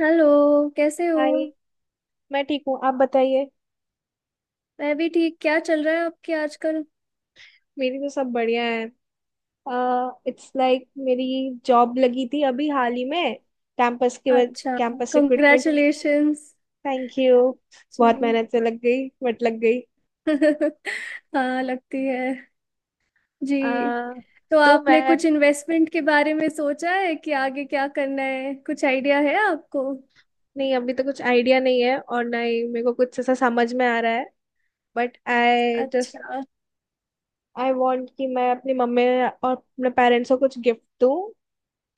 Hello, कैसे हो। Hi. मैं ठीक हूँ, आप बताइए। मैं भी ठीक। क्या चल रहा है आपके आजकल। मेरी तो सब बढ़िया है। इट्स लाइक मेरी जॉब लगी थी अभी हाल ही में। कैंपस के अच्छा। कैंपस रिक्रूटमेंट हुई तो। कंग्रेचुलेशंस। Thank you. जी। बहुत मेहनत से लग गई बट लग गई। हाँ, लगती है। जी। अह तो तो आपने मैं कुछ इन्वेस्टमेंट के बारे में सोचा है कि आगे क्या करना है, कुछ आइडिया है आपको। नहीं, अभी तो कुछ आइडिया नहीं है और ना ही मेरे को कुछ ऐसा समझ में आ रहा है। बट अच्छा। आई वांट कि मैं अपनी मम्मी और अपने पेरेंट्स को कुछ गिफ्ट दूँ।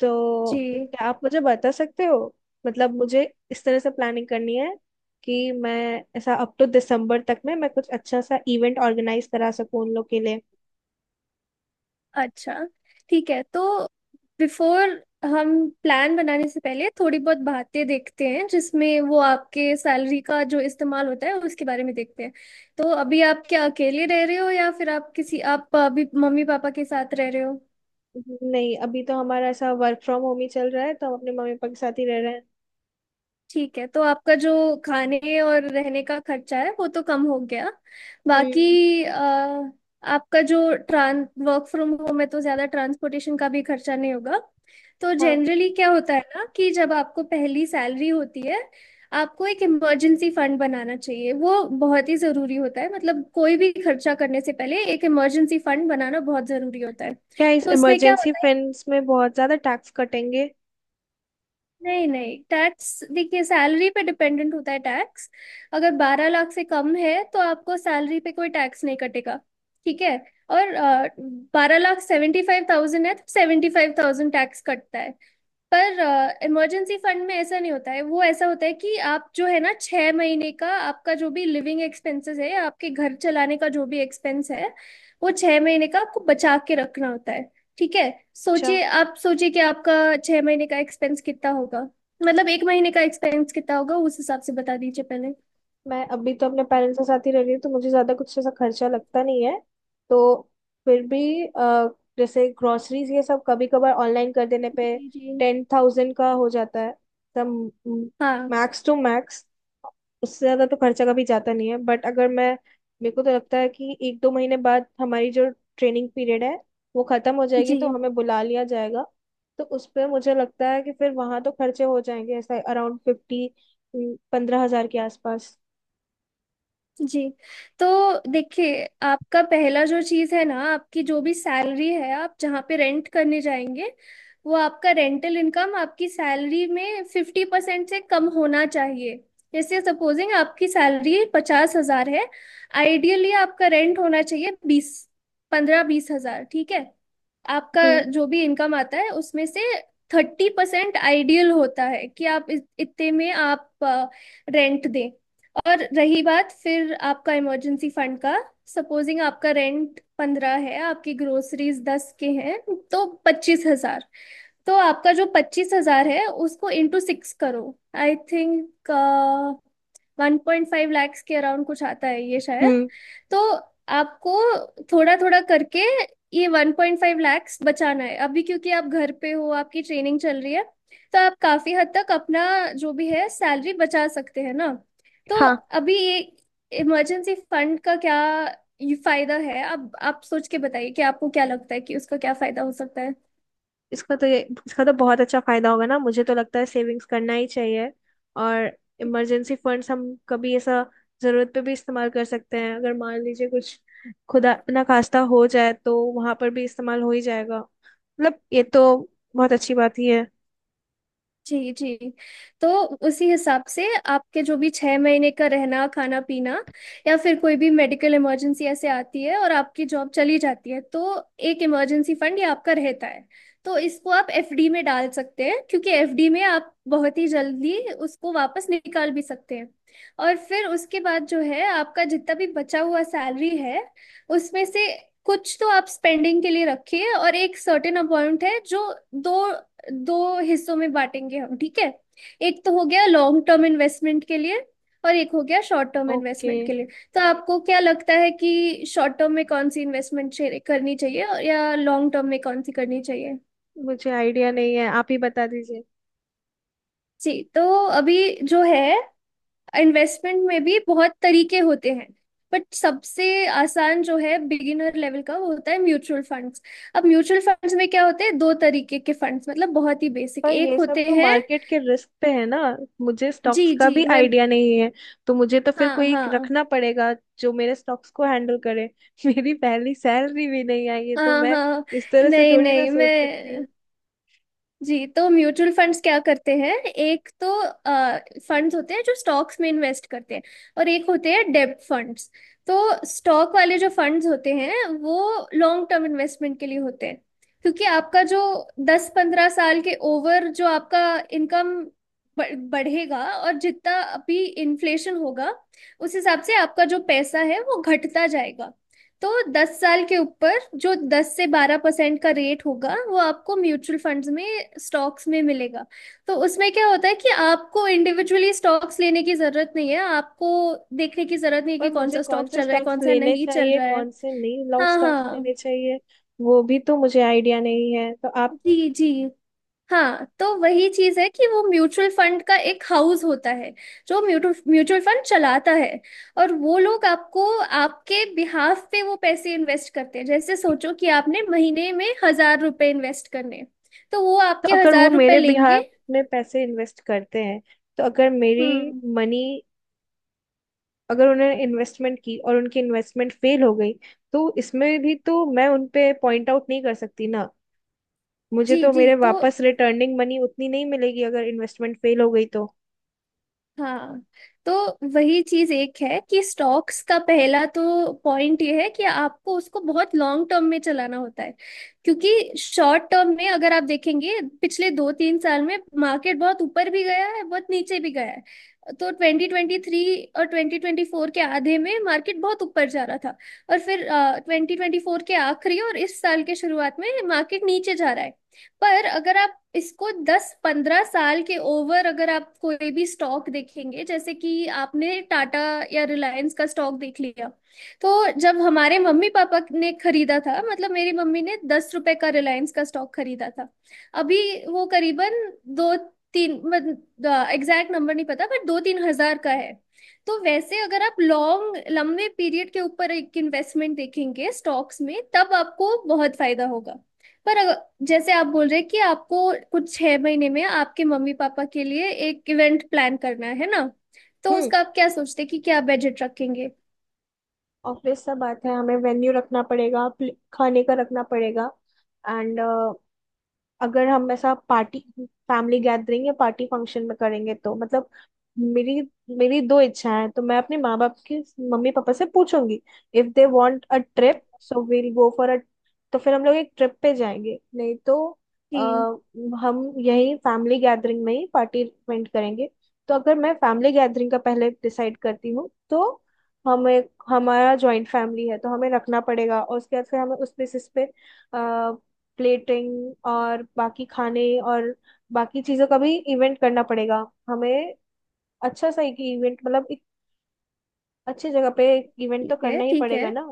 तो जी। क्या आप मुझे बता सकते हो? मतलब मुझे इस तरह से प्लानिंग करनी है कि मैं ऐसा अप टू दिसंबर तक में मैं कुछ अच्छा सा इवेंट ऑर्गेनाइज करा सकूं उन लोग के लिए। अच्छा, ठीक है। तो बिफोर, हम प्लान बनाने से पहले थोड़ी बहुत बातें देखते हैं जिसमें वो आपके सैलरी का जो इस्तेमाल होता है उसके बारे में देखते हैं। तो अभी आप क्या अकेले रह रहे हो या फिर आप अभी मम्मी पापा के साथ रह रहे हो। नहीं, अभी तो हमारा ऐसा वर्क फ्रॉम होम ही चल रहा है तो हम अपने मम्मी पापा के साथ ही रह रहे हैं। ठीक है। तो आपका जो खाने और रहने का खर्चा है वो तो कम हो गया। हम्म। बाकी आपका जो ट्रां वर्क फ्रॉम होम है तो ज़्यादा ट्रांसपोर्टेशन का भी खर्चा नहीं होगा। तो हाँ। जनरली क्या होता है ना कि जब आपको पहली सैलरी होती है, आपको एक इमरजेंसी फंड बनाना चाहिए। वो बहुत ही ज़रूरी होता है, मतलब कोई भी खर्चा करने से पहले एक इमरजेंसी फंड बनाना बहुत ज़रूरी होता है। क्या इस तो उसमें क्या इमरजेंसी होता है, फंड्स में बहुत ज्यादा टैक्स कटेंगे? नहीं नहीं, टैक्स देखिए सैलरी पे डिपेंडेंट होता है टैक्स। अगर 12 लाख से कम है तो आपको सैलरी पे कोई टैक्स नहीं कटेगा, ठीक है। और 12 लाख 75,000 है तो 75,000 टैक्स कटता है। पर इमरजेंसी फंड में ऐसा नहीं होता है। वो ऐसा होता है कि आप जो है ना, 6 महीने का आपका जो भी लिविंग एक्सपेंसेस है, आपके घर चलाने का जो भी एक्सपेंस है, वो 6 महीने का आपको बचा के रखना होता है, ठीक है। अच्छा। सोचिए, आप सोचिए कि आपका 6 महीने का एक्सपेंस कितना होगा, मतलब एक महीने का एक्सपेंस कितना होगा, उस हिसाब से बता दीजिए पहले। मैं अभी तो अपने पेरेंट्स के साथ ही रह रही हूँ तो मुझे ज्यादा कुछ ऐसा खर्चा लगता नहीं है। तो फिर भी जैसे ग्रोसरीज ये सब कभी कभार ऑनलाइन कर देने पे जी जी। टेन थाउजेंड का हो जाता है। तब, हाँ। मैक्स टू मैक्स, उससे ज्यादा तो खर्चा कभी जाता नहीं है। बट अगर मैं मेरे को तो लगता है कि एक दो महीने बाद हमारी जो ट्रेनिंग पीरियड है वो खत्म हो जाएगी जी तो हमें बुला लिया जाएगा। तो उस पर मुझे लगता है कि फिर वहां तो खर्चे हो जाएंगे, ऐसा अराउंड फिफ्टी पंद्रह हजार के आसपास। जी। तो देखिए, आपका पहला जो चीज़ है ना, आपकी जो भी सैलरी है, आप जहाँ पे रेंट करने जाएंगे, वो आपका रेंटल इनकम आपकी सैलरी में 50% से कम होना चाहिए। जैसे सपोजिंग आपकी सैलरी 50,000 है, आइडियली आपका रेंट होना चाहिए बीस 15-20 हजार, ठीक है। आपका हम्म। जो भी इनकम आता है उसमें से 30% आइडियल होता है कि आप इतने में आप रेंट दें। और रही बात फिर आपका इमरजेंसी फंड का। सपोजिंग आपका रेंट 15 है, आपकी ग्रोसरीज 10 के हैं, तो 25,000। तो आपका जो 25,000 है उसको इंटू 6 करो। आई थिंक 1.5 लाख के अराउंड कुछ आता है ये शायद। हम्म। तो आपको थोड़ा थोड़ा करके ये 1.5 लाख बचाना है अभी, क्योंकि आप घर पे हो, आपकी ट्रेनिंग चल रही है, तो आप काफी हद तक अपना जो भी है सैलरी बचा सकते हैं ना। तो हाँ। अभी ये इमरजेंसी फंड का क्या ये फायदा है, अब आप सोच के बताइए कि आपको क्या लगता है कि उसका क्या फायदा हो सकता है। इसका तो ये इसका तो बहुत अच्छा फायदा होगा ना, मुझे तो लगता है सेविंग्स करना ही चाहिए। और इमरजेंसी फंड्स हम कभी ऐसा जरूरत पे भी इस्तेमाल कर सकते हैं अगर मान लीजिए कुछ खुदा ना खास्ता हो जाए तो वहां पर भी इस्तेमाल हो ही जाएगा। मतलब ये तो बहुत अच्छी बात ही है। जी जी। तो उसी हिसाब से, आपके जो भी 6 महीने का रहना, खाना पीना, या फिर कोई भी मेडिकल इमरजेंसी ऐसे आती है और आपकी जॉब चली जाती है, तो एक इमरजेंसी फंड ये आपका रहता है। तो इसको आप एफडी में डाल सकते हैं, क्योंकि एफडी में आप बहुत ही जल्दी उसको वापस निकाल भी सकते हैं। और फिर उसके बाद जो है आपका जितना भी बचा हुआ सैलरी है उसमें से कुछ तो आप स्पेंडिंग के लिए रखिए, और एक सर्टेन अमाउंट है जो दो दो हिस्सों में बांटेंगे हम, ठीक है। एक तो हो गया लॉन्ग टर्म इन्वेस्टमेंट के लिए, और एक हो गया शॉर्ट टर्म ओके। इन्वेस्टमेंट के लिए। तो आपको क्या लगता है कि शॉर्ट टर्म में कौन सी इन्वेस्टमेंट करनी चाहिए, और या लॉन्ग टर्म में कौन सी करनी चाहिए। मुझे आइडिया नहीं है, आप ही बता दीजिए। जी, तो अभी जो है इन्वेस्टमेंट में भी बहुत तरीके होते हैं, बट सबसे आसान जो है बिगिनर लेवल का वो होता है म्यूचुअल फंड्स। अब म्यूचुअल फंड्स में क्या होते हैं, दो तरीके के फंड्स, मतलब बहुत ही बेसिक, पर एक ये सब होते तो हैं, मार्केट के रिस्क पे है ना? मुझे स्टॉक्स जी का जी, भी मैं, आइडिया नहीं है। तो मुझे तो फिर हाँ कोई हाँ, रखना पड़ेगा जो मेरे स्टॉक्स को हैंडल करे। मेरी पहली सैलरी भी नहीं आई है तो हाँ मैं हाँ, इस तरह से नहीं थोड़ी ना नहीं, सोच सकती हूँ। मैं, जी, तो म्यूचुअल फंड्स क्या करते हैं, एक तो फंड्स होते हैं जो स्टॉक्स में इन्वेस्ट करते हैं, और एक होते हैं डेब्ट फंड्स। तो स्टॉक वाले जो फंड्स होते हैं वो लॉन्ग टर्म इन्वेस्टमेंट के लिए होते हैं। क्योंकि आपका जो 10-15 साल के ओवर जो आपका इनकम बढ़ेगा, और जितना अभी इन्फ्लेशन होगा उस हिसाब से आपका जो पैसा है वो घटता जाएगा। तो 10 साल के ऊपर जो 10 से 12% का रेट होगा वो आपको म्यूचुअल फंड्स में, स्टॉक्स में मिलेगा। तो उसमें क्या होता है कि आपको इंडिविजुअली स्टॉक्स लेने की जरूरत नहीं है, आपको देखने की जरूरत नहीं है पर कि कौन मुझे सा कौन स्टॉक से चल रहा है स्टॉक्स कौन सा लेने नहीं चल चाहिए रहा है। कौन से नहीं, लॉन्ग हाँ स्टॉक्स हाँ। लेने चाहिए, वो भी तो मुझे आइडिया नहीं है तो आप। जी जी। हाँ, तो वही चीज है कि वो म्यूचुअल फंड का एक हाउस होता है जो म्यूचुअल फंड चलाता है, और वो लोग आपको, आपके बिहाफ पे वो पैसे इन्वेस्ट करते हैं। जैसे सोचो कि आपने महीने में 1,000 रुपए इन्वेस्ट करने, तो वो तो आपके अगर वो 1,000 रुपए मेरे लेंगे। बिहार में पैसे इन्वेस्ट करते हैं तो अगर मेरी हम्म। मनी अगर उन्होंने इन्वेस्टमेंट की और उनकी इन्वेस्टमेंट फेल हो गई तो इसमें भी तो मैं उन पे पॉइंट आउट नहीं कर सकती ना। मुझे जी तो जी। मेरे तो वापस रिटर्निंग मनी उतनी नहीं मिलेगी अगर इन्वेस्टमेंट फेल हो गई तो। हाँ, तो वही चीज एक है कि स्टॉक्स का पहला तो पॉइंट ये है कि आपको उसको बहुत लॉन्ग टर्म में चलाना होता है। क्योंकि शॉर्ट टर्म में, अगर आप देखेंगे, पिछले 2-3 साल में मार्केट बहुत ऊपर भी गया है, बहुत नीचे भी गया है। तो 2023 और 2024 के आधे में मार्केट बहुत ऊपर जा रहा था, और फिर 2024 के आखिरी और इस साल के शुरुआत में मार्केट नीचे जा रहा है। पर अगर आप इसको 10-15 साल के ओवर, अगर आप कोई भी स्टॉक देखेंगे, जैसे कि आपने टाटा या रिलायंस का स्टॉक देख लिया, तो जब हमारे मम्मी पापा ने खरीदा था, मतलब मेरी मम्मी ने 10 रुपए का रिलायंस का स्टॉक खरीदा था, अभी वो करीबन दो तीन, एग्जैक्ट नंबर नहीं पता बट 2-3 हजार का है। तो वैसे अगर आप लॉन्ग, लंबे पीरियड के ऊपर एक इन्वेस्टमेंट देखेंगे स्टॉक्स में, तब आपको बहुत फायदा होगा। पर जैसे आप बोल रहे हैं कि आपको कुछ 6 महीने में आपके मम्मी पापा के लिए एक इवेंट प्लान करना है ना, तो हम्म। उसका आप क्या सोचते हैं कि क्या बजट रखेंगे। ऑब्वियस सा बात है, हमें वेन्यू रखना पड़ेगा, खाने का रखना पड़ेगा। एंड अगर हम ऐसा पार्टी फैमिली गैदरिंग या पार्टी फंक्शन में करेंगे तो मतलब मेरी मेरी दो इच्छाएं हैं तो मैं अपने माँ बाप की मम्मी पापा से पूछूंगी। If they want a trip so we'll go for a, तो फिर हम लोग एक ट्रिप पे जाएंगे, नहीं तो आ, ठीक हम यही फैमिली गैदरिंग में ही पार्टी अरेंज करेंगे। तो अगर मैं फैमिली गैदरिंग का पहले डिसाइड करती हूँ तो हमें हमारा जॉइंट फैमिली है तो हमें रखना पड़ेगा और उसके बाद फिर हमें उस बेसिस पे प्लेटिंग और बाकी खाने और बाकी चीजों का भी इवेंट करना पड़ेगा हमें। अच्छा सा एक इवेंट, मतलब एक अच्छी जगह पे एक इवेंट तो ठीक है। करना ही ठीक है, पड़ेगा ना।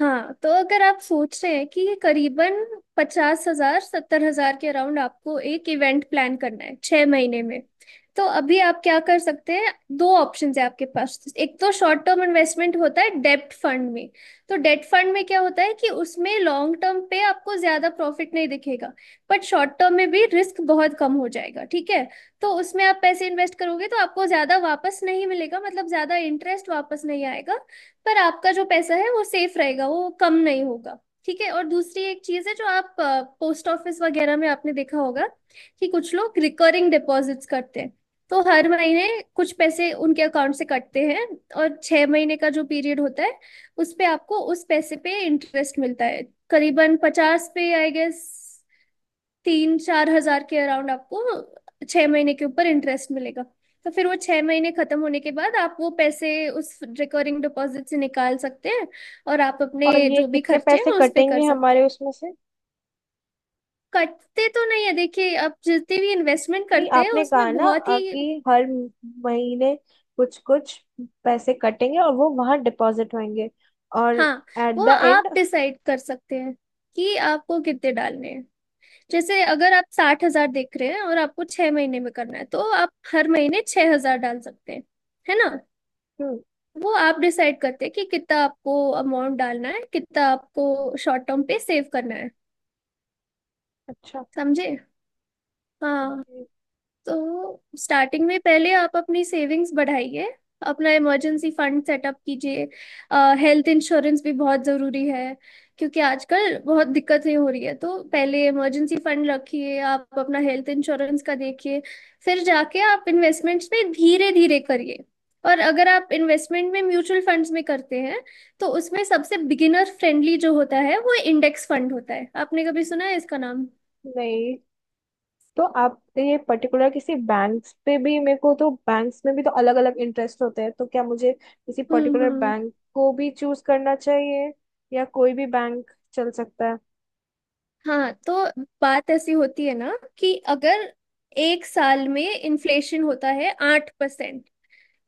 हाँ। तो अगर आप सोच रहे हैं कि ये करीबन 50,000-70,000 के अराउंड आपको एक इवेंट प्लान करना है 6 महीने में, तो अभी आप क्या कर सकते हैं, दो ऑप्शंस है आपके पास। एक तो शॉर्ट टर्म इन्वेस्टमेंट होता है डेब्ट फंड में। तो डेब्ट फंड में क्या होता है कि उसमें लॉन्ग टर्म पे आपको ज्यादा प्रॉफिट नहीं दिखेगा, बट शॉर्ट टर्म में भी रिस्क बहुत कम हो जाएगा, ठीक है। तो उसमें आप पैसे इन्वेस्ट करोगे तो आपको ज्यादा वापस नहीं मिलेगा, मतलब ज्यादा इंटरेस्ट वापस नहीं आएगा, पर आपका जो पैसा है वो सेफ रहेगा, वो कम नहीं होगा, ठीक है। और दूसरी एक चीज है जो आप पोस्ट ऑफिस वगैरह में आपने देखा होगा कि कुछ लोग रिकरिंग डिपॉजिट्स करते हैं। तो हर महीने कुछ पैसे उनके अकाउंट से कटते हैं, और 6 महीने का जो पीरियड होता है उस पे आपको उस पैसे पे इंटरेस्ट मिलता है। करीबन पचास पे आई गेस, 3-4 हजार के अराउंड आपको 6 महीने के ऊपर इंटरेस्ट मिलेगा। तो फिर वो 6 महीने खत्म होने के बाद आप वो पैसे उस रिकरिंग डिपॉजिट से निकाल सकते हैं, और आप अपने और ये जो भी कितने खर्चे पैसे हैं उस पे कर कटेंगे सकते हमारे हैं। उसमें से? कटते तो नहीं है, देखिए आप जितनी भी इन्वेस्टमेंट नहीं, करते हैं आपने कहा उसमें ना बहुत ही, कि हर महीने कुछ कुछ पैसे कटेंगे और वो वहां डिपॉजिट होंगे और हाँ, एट वो द आप एंड। डिसाइड कर सकते हैं कि आपको कितने डालने हैं। जैसे अगर आप 60,000 देख रहे हैं और आपको 6 महीने में करना है तो आप हर महीने 6,000 डाल सकते हैं, है ना। हम्म। वो आप डिसाइड करते हैं कि कितना आपको अमाउंट डालना है, कितना आपको शॉर्ट टर्म पे सेव करना है। अच्छा। समझे। हाँ, okay। तो स्टार्टिंग में पहले आप अपनी सेविंग्स बढ़ाइए, अपना इमरजेंसी फंड सेटअप कीजिए। हेल्थ इंश्योरेंस भी बहुत ज़रूरी है, क्योंकि आजकल बहुत दिक्कतें हो रही है, तो पहले इमरजेंसी फंड रखिए, आप अपना हेल्थ इंश्योरेंस का देखिए। फिर जाके आप इन्वेस्टमेंट्स में धीरे धीरे करिए। और अगर आप इन्वेस्टमेंट में म्यूचुअल फंड्स में करते हैं, तो उसमें सबसे बिगिनर फ्रेंडली जो होता है वो इंडेक्स फंड होता है, आपने कभी सुना है इसका नाम। नहीं तो आप ये पर्टिकुलर किसी बैंक्स पे भी, मेरे को तो बैंक्स में भी तो अलग अलग इंटरेस्ट होते हैं, तो क्या मुझे किसी पर्टिकुलर हम्म। बैंक को भी चूज करना चाहिए या कोई भी बैंक चल सकता है? हाँ, तो बात ऐसी होती है ना कि अगर एक साल में इन्फ्लेशन होता है 8%,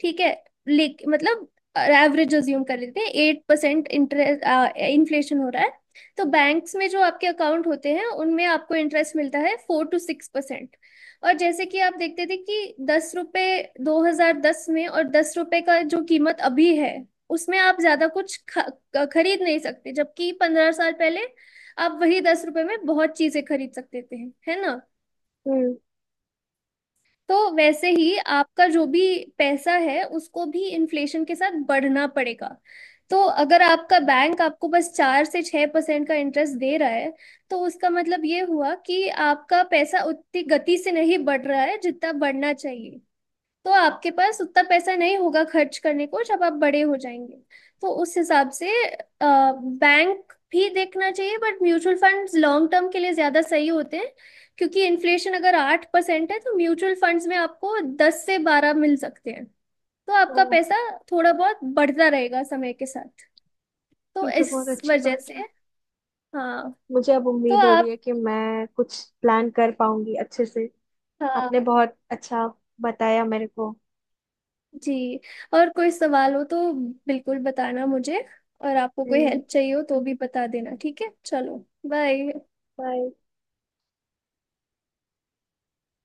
ठीक है, लेक मतलब एवरेज अज्यूम कर लेते हैं 8%, इंटरेस्ट, इन्फ्लेशन हो रहा है, तो बैंक्स में जो आपके अकाउंट होते हैं उनमें आपको इंटरेस्ट मिलता है 4 से 6%। और जैसे कि आप देखते थे कि 10 रुपए, 2010 में, और 10 रुपए का जो कीमत अभी है, उसमें आप ज्यादा कुछ खरीद नहीं सकते, जबकि 15 साल पहले आप वही 10 रुपए में बहुत चीजें खरीद सकते थे, है ना। हम्म। तो वैसे ही आपका जो भी पैसा है उसको भी इन्फ्लेशन के साथ बढ़ना पड़ेगा। तो अगर आपका बैंक आपको बस 4 से 6% का इंटरेस्ट दे रहा है, तो उसका मतलब ये हुआ कि आपका पैसा उतनी गति से नहीं बढ़ रहा है जितना बढ़ना चाहिए। तो आपके पास उतना पैसा नहीं होगा खर्च करने को जब आप बड़े हो जाएंगे। तो उस हिसाब से बैंक भी देखना चाहिए, but mutual funds long term के लिए ज्यादा सही होते हैं, क्योंकि इन्फ्लेशन अगर 8% है तो म्यूचुअल फंड्स में आपको 10 से 12 मिल सकते हैं। तो ओ। आपका पैसा थोड़ा बहुत बढ़ता रहेगा समय के साथ। तो ये तो बहुत इस अच्छी वजह बात से, है। हाँ, मुझे अब तो उम्मीद हो रही आप, है कि मैं कुछ प्लान कर पाऊंगी अच्छे से। हाँ। आपने बहुत अच्छा बताया मेरे को। जी, और कोई सवाल हो तो बिल्कुल बताना मुझे, और आपको कोई हम्म। हेल्प चाहिए हो तो भी बता देना, ठीक है। चलो, बाय। बाय।